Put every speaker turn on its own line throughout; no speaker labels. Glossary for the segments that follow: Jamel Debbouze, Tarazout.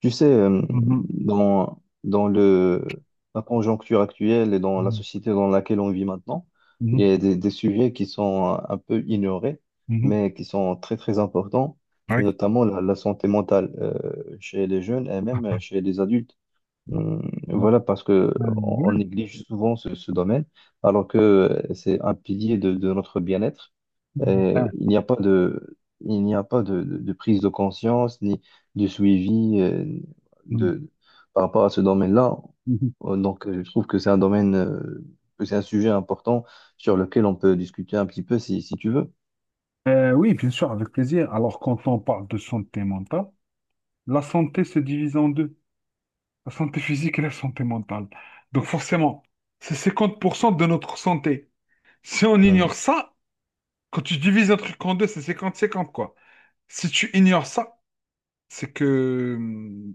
Tu sais, euh,
Mhm.
dans la conjoncture actuelle et dans la
Mhm.
société dans laquelle on vit maintenant, il y
Mhm.
a des sujets qui sont un peu ignorés,
Mhm.
mais qui sont très, très importants, et
Ouais.
notamment la santé mentale chez les jeunes et même chez les adultes. Hum,
Ah,
Voilà, parce que
ah, ah,
on
ouais.
néglige souvent ce domaine, alors que c'est un pilier de notre bien-être.
Ah,
Il n'y a pas de prise de conscience ni de suivi
mhm.
de, par rapport à ce domaine-là.
Mhm.
Donc, je trouve que c'est un domaine, que c'est un sujet important sur lequel on peut discuter un petit peu si tu veux.
Oui, bien sûr, avec plaisir. Alors, quand on parle de santé mentale, la santé se divise en deux, la santé physique et la santé mentale. Donc, forcément, c'est 50% de notre santé. Si on ignore
Mhm.
ça, quand tu divises un truc en deux, c'est 50-50, quoi. Si tu ignores ça, c'est que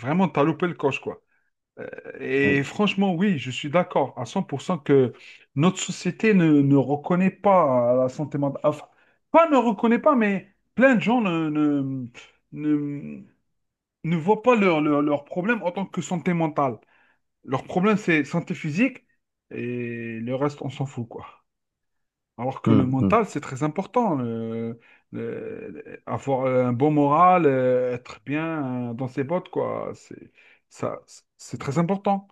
vraiment, t'as loupé le coche, quoi. Euh, Et
Oui,
franchement, oui, je suis d'accord à 100% que notre société ne reconnaît pas la santé mentale. Enfin, pas ne reconnaît pas, mais plein de gens ne, ne voient pas leur problème en tant que santé mentale. Leur problème, c'est santé physique et le reste, on s'en fout, quoi. Alors que le
mhm,
mental, c'est très important. Avoir un bon moral, être bien dans ses bottes, quoi. Ça, c'est très important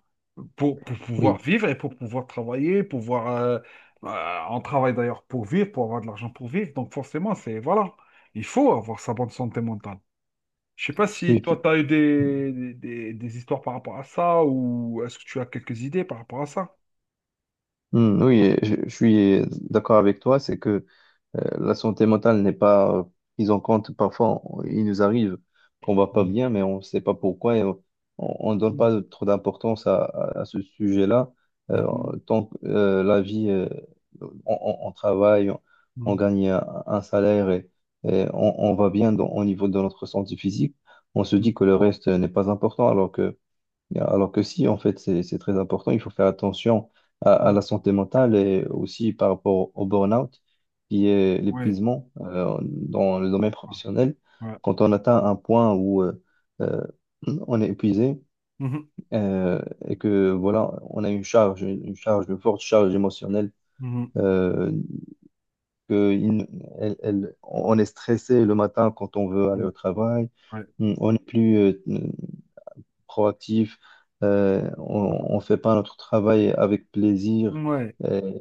pour pouvoir
oui,
vivre et pour pouvoir travailler, pouvoir. On travaille d'ailleurs pour vivre, pour avoir de l'argent pour vivre. Donc forcément, c'est voilà, il faut avoir sa bonne santé mentale. Je sais pas si
oui.
toi, tu as eu des histoires par rapport à ça ou est-ce que tu as quelques idées par rapport à ça?
Oui, je suis d'accord avec toi, c'est que la santé mentale n'est pas prise en compte. Parfois, il nous arrive qu'on va pas
Mm.
bien, mais on ne sait pas pourquoi et on ne donne pas trop d'importance à ce sujet-là. Euh,
Mm.
Tant que la vie, on travaille, on
Mm.
gagne un salaire et on va bien au niveau de notre santé physique, on se
Mm. Mm.
dit que le reste n'est pas important, alors que si, en fait, c'est très important. Il faut faire attention à
Mm.
la santé mentale et aussi par rapport au burn-out, qui est
Oui.
l'épuisement dans le domaine professionnel.
Ouais.
Quand on atteint un point où euh, on est épuisé
Mhm,
euh, et que voilà, on a une forte charge émotionnelle,
mhm,
euh, que il- elle- elle- on est stressé le matin quand on veut aller au
mhm.
travail.
Ouais.
On n'est plus proactif, on ne fait pas notre travail avec plaisir,
Mmh, Ouais.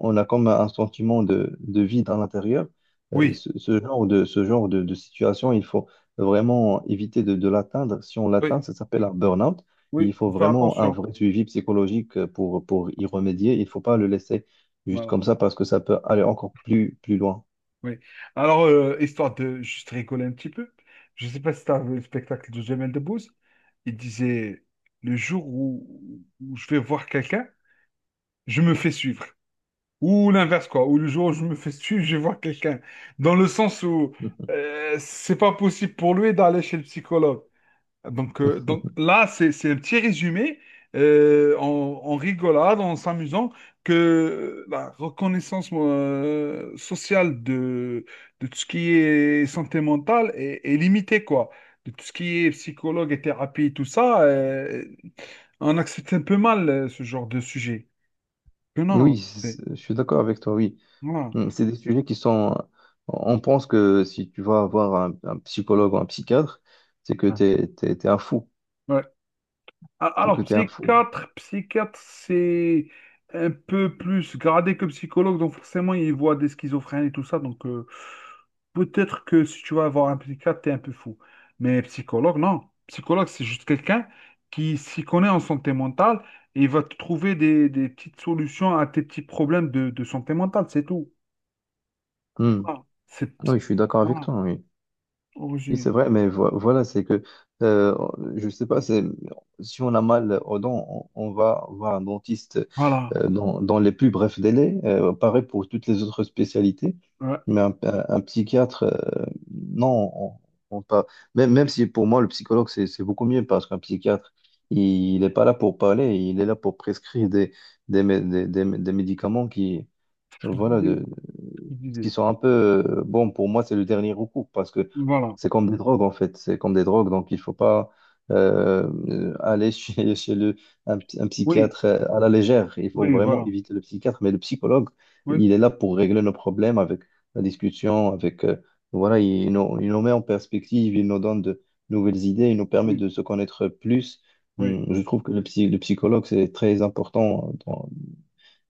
on a comme un sentiment de vide à l'intérieur.
Oui,
Ce, ce genre de situation, il faut vraiment éviter de l'atteindre. Si on
oui,
l'atteint, ça s'appelle un burn-out.
oui,
Il faut
faut faire
vraiment un
attention.
vrai suivi psychologique pour y remédier. Il ne faut pas
Ouais.
le laisser juste
Voilà,
comme ça parce que ça peut aller encore plus loin.
oui. Alors, histoire de juste rigoler un petit peu, je ne sais pas si tu as vu le spectacle de Jamel Debbouze, il disait, le jour où je vais voir quelqu'un, je me fais suivre. Ou l'inverse, quoi. Ou le jour où je me fais suivre, je vais voir quelqu'un. Dans le sens où c'est pas possible pour lui d'aller chez le psychologue. Donc, là, c'est un petit résumé euh, en, en rigolade, en s'amusant, que la reconnaissance sociale de tout ce qui est santé mentale est limitée, quoi. De tout ce qui est psychologue et thérapie, et tout ça, on accepte un peu mal ce genre de sujet. Que non,
Je suis d'accord avec toi, oui.
voilà.
C'est des sujets qui sont. On pense que si tu vas avoir un psychologue ou un psychiatre, c'est que t'es un fou.
Ouais. A-
C'est que
Alors,
t'es un fou.
psychiatre, c'est un peu plus gradé que psychologue, donc forcément, il voit des schizophrènes et tout ça, donc peut-être que si tu vas voir un psychiatre, t'es un peu fou. Mais psychologue, non. Psychologue, c'est juste quelqu'un qui s'y connaît en santé mentale et il va te trouver des petites solutions à tes petits problèmes de santé mentale, c'est tout.
Hmm.
Voilà. C'est,
Oui, je suis d'accord avec
voilà,
toi, oui.
au
Oui,
résumé.
c'est vrai, mais voilà, c'est que, euh, je sais pas, c'est, si on a mal aux dents, on va voir un dentiste
Voilà.
dans les plus brefs délais. Pareil pour toutes les autres spécialités.
Ouais,
Mais un psychiatre, non, on pas. Même, même si pour moi, le psychologue, c'est beaucoup mieux parce qu'un psychiatre, il n'est pas là pour parler, il est là pour prescrire des, mé- des médicaments
ce que
donc
je
voilà,
disais, ce que je
ce qui
disais.
sont un peu, bon, pour moi, c'est le dernier recours parce que
Voilà.
c'est comme des drogues, en fait. C'est comme des drogues, donc il faut pas aller chez, chez le, un
Oui,
psychiatre à la légère. Il faut
oui,
vraiment
voilà.
éviter le psychiatre, mais le psychologue,
Oui,
il est là pour régler nos problèmes avec la discussion, avec, voilà, il nous met en perspective, il nous donne de nouvelles idées, il nous permet
oui.
de se connaître plus.
Oui,
Je trouve que le psychologue, c'est très important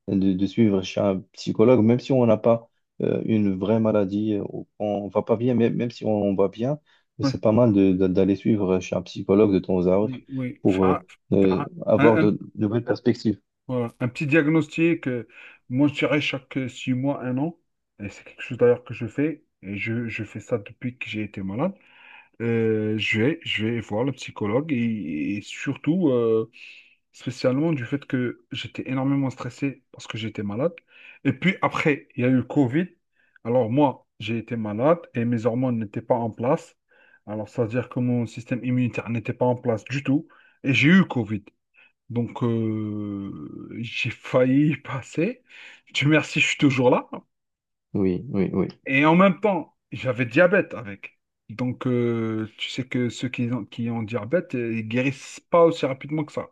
de suivre chez un psychologue, même si on n'a pas une vraie maladie, on va pas bien, mais même si on va bien, mais
oui,
c'est pas mal d'aller suivre chez un psychologue de temps à autre
oui, oui.
pour
Faire, faire
avoir
un, un-
de nouvelles perspectives.
voilà, un petit diagnostic, moi je dirais chaque 6 mois, un an, et c'est quelque chose d'ailleurs que je fais, et je fais ça depuis que j'ai été malade. Je vais, je vais, voir le psychologue et surtout spécialement du fait que j'étais énormément stressé parce que j'étais malade. Et puis après, il y a eu le Covid. Alors moi, j'ai été malade et mes hormones n'étaient pas en place. Alors ça veut dire que mon système immunitaire n'était pas en place du tout. Et j'ai eu le Covid. Donc j'ai failli y passer. Dieu merci, je suis toujours là.
Oui, oui, oui.
Et en même temps, j'avais diabète avec. Donc, tu sais que ceux qui ont diabète, ils guérissent pas aussi rapidement que ça.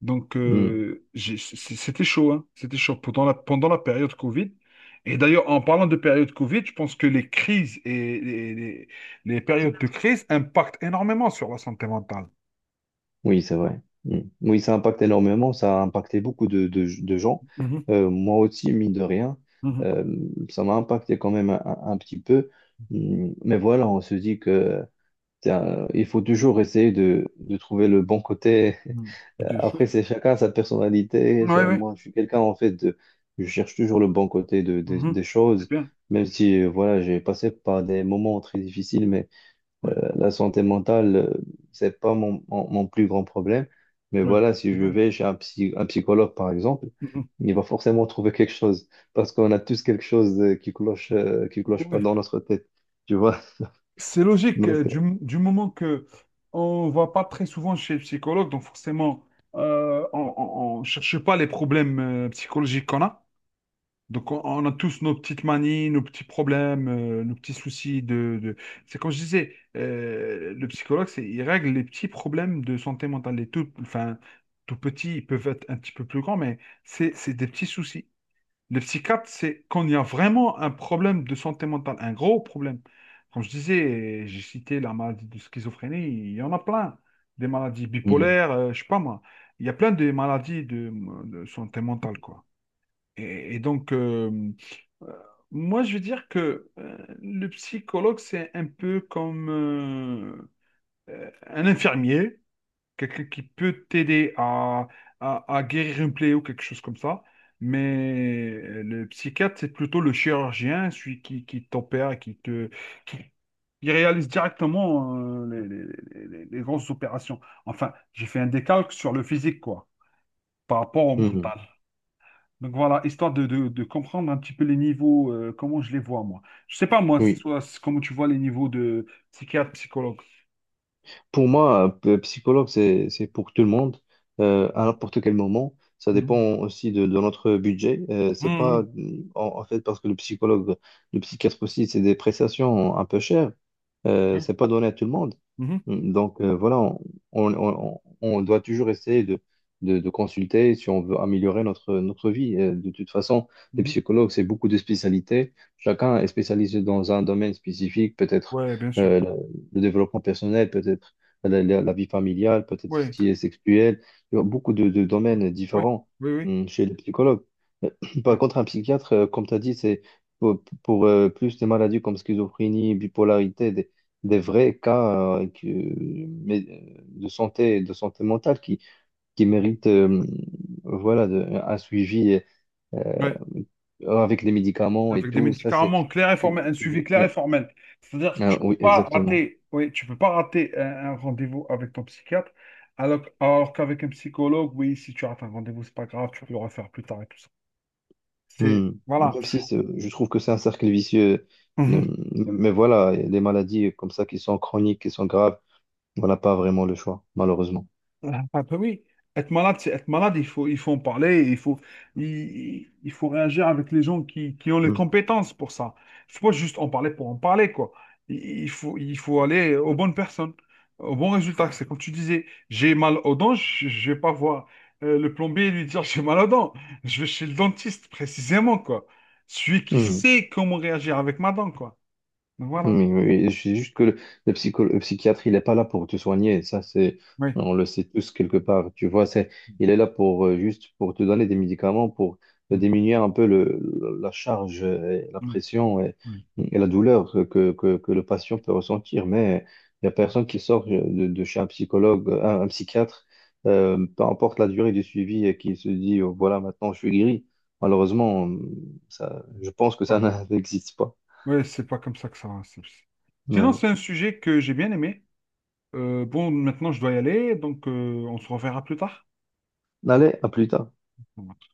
Donc,
Mm.
C'était chaud, hein. C'était chaud pendant la période Covid. Et d'ailleurs, en parlant de période Covid, je pense que les crises et les périodes de crise impactent énormément sur la santé mentale.
Oui, c'est vrai. Mm. Oui, ça impacte énormément, ça a impacté beaucoup de gens.
Mhm,
Moi aussi, mine de rien,
mhm,
euh, ça m'a impacté quand même un petit peu. Mm. Mais voilà, on se dit que il faut toujours essayer de trouver le bon côté.
mhm. Des choses.
Après, c'est chacun sa personnalité.
Oui, oui.
Moi, je suis quelqu'un, en fait, de, je cherche toujours le bon côté
Mhm.
des
C'est
choses,
bien.
même si, voilà, j'ai passé par des moments très difficiles, mais
Oui,
la santé mentale, c'est pas mon plus grand problème. Mais
oui.
voilà, si
C'est
je
bien.
vais chez un psychologue, par exemple,
Mhm.
il va forcément trouver quelque chose, parce qu'on a tous quelque chose qui cloche pas
Ouais.
dans notre tête, tu vois.
C'est logique,
Donc,
du,
euh,
du moment que on va pas très souvent chez le psychologue, donc forcément, on ne cherche pas les problèmes psychologiques qu'on a. Donc, on a tous nos petites manies, nos petits problèmes, nos petits soucis de. C'est comme je disais, le psychologue, il règle les petits problèmes de santé mentale. Les tout, enfin, tout petits, ils peuvent être un petit peu plus grands, mais c'est des petits soucis. Le psychiatre, c'est quand il y a vraiment un problème de santé mentale, un gros problème. Comme je disais, j'ai cité la maladie de schizophrénie, il y en a plein. Des maladies
Mhm.
bipolaires, je sais pas moi. Il y a plein de maladies de santé mentale, quoi. Et donc, euh, moi, je veux dire que le psychologue, c'est un peu comme un infirmier, quelqu'un qui peut t'aider à guérir une plaie ou quelque chose comme ça. Mais le psychiatre, c'est plutôt le chirurgien, celui qui t'opère, qui, qui réalise directement les grosses opérations. Enfin, j'ai fait un décalque sur le physique, quoi, par rapport au
Mhm.
mental. Donc voilà, histoire de comprendre un petit peu les niveaux, comment je les vois moi. Je sais pas moi,
Oui.
comment tu vois les niveaux de psychiatre, psychologue.
Pour moi, psychologue, c'est pour tout le monde, à n'importe quel moment. Ça dépend
Mhm.
aussi de notre budget. C'est pas,
Mhm.
en, En fait, parce que le psychologue, le psychiatre aussi, c'est des prestations un peu chères.
Mhm.
C'est pas donné à tout le monde.
Mhm.
Donc voilà, on doit toujours essayer de consulter si on veut améliorer notre vie. De toute façon, les
Mhm.
psychologues, c'est beaucoup de spécialités. Chacun est spécialisé dans un domaine spécifique, peut-être
Ouais, bien sûr.
euh, le, le développement personnel, peut-être la vie familiale, peut-être ce
Oui,
qui est sexuel. Il y a beaucoup de domaines
oui,
différents
oui, oui.
chez les psychologues. Euh, Par
Ouais.
contre, un psychiatre, comme tu as dit, c'est plus des maladies comme schizophrénie, bipolarité, des vrais cas mais, de santé mentale qui méritent voilà, un suivi
Ouais.
avec les médicaments et
Avec des
tout. Ça, c'est.
médicaments clairs et
c'est-
formels, un suivi clair et
Oui,
formel. C'est-à-dire que
ah,
tu peux
oui,
pas
exactement.
rater, oui, tu peux pas rater un rendez-vous avec ton psychiatre, alors qu'avec un psychologue, oui, si tu rates un rendez-vous, c'est pas grave, tu peux le refaire plus tard et tout ça. C'est,
Hmm.
voilà.
Même si je trouve que c'est un cercle vicieux. Euh, Mais voilà, il y a des maladies comme ça qui sont chroniques, qui sont graves, on n'a pas vraiment le choix, malheureusement.
Ah, ah, bah oui, être malade, c'est être malade, il faut en parler, il faut réagir avec les gens qui ont les
Hmm.
compétences pour ça. Il faut pas juste en parler pour en parler, quoi. Il faut aller aux bonnes personnes, aux bons résultats. C'est comme tu disais, j'ai mal aux dents, je vais pas voir le plombier et lui dire j'ai mal aux dents. Je vais chez le dentiste, précisément, quoi. Celui qui
Hmm.
sait comment réagir avec ma dent, quoi. Donc voilà.
Mais je suis juste que le, le psychiatre, il n'est pas là pour te soigner. Ça, c'est,
Oui.
on le sait tous quelque part. Tu vois, c'est, il est là pour juste pour te donner des médicaments pour
Mm,
diminuer un peu le, la charge, et la
mm,
pression
mm,
et la douleur que le patient peut ressentir. Mais il n'y a personne qui sort de chez un psychologue, un psychiatre, peu importe la durée du suivi, et qui se dit, oh, voilà, maintenant je suis guéri. Malheureusement, ça, je pense que
mm.
ça n'existe pas.
Ouais, c'est pas comme ça que ça va. Sinon,
Ouais.
c'est un sujet que j'ai bien aimé. Bon, maintenant, je dois y aller, donc on se reverra plus tard.
Allez, à plus tard.
Bon, bah.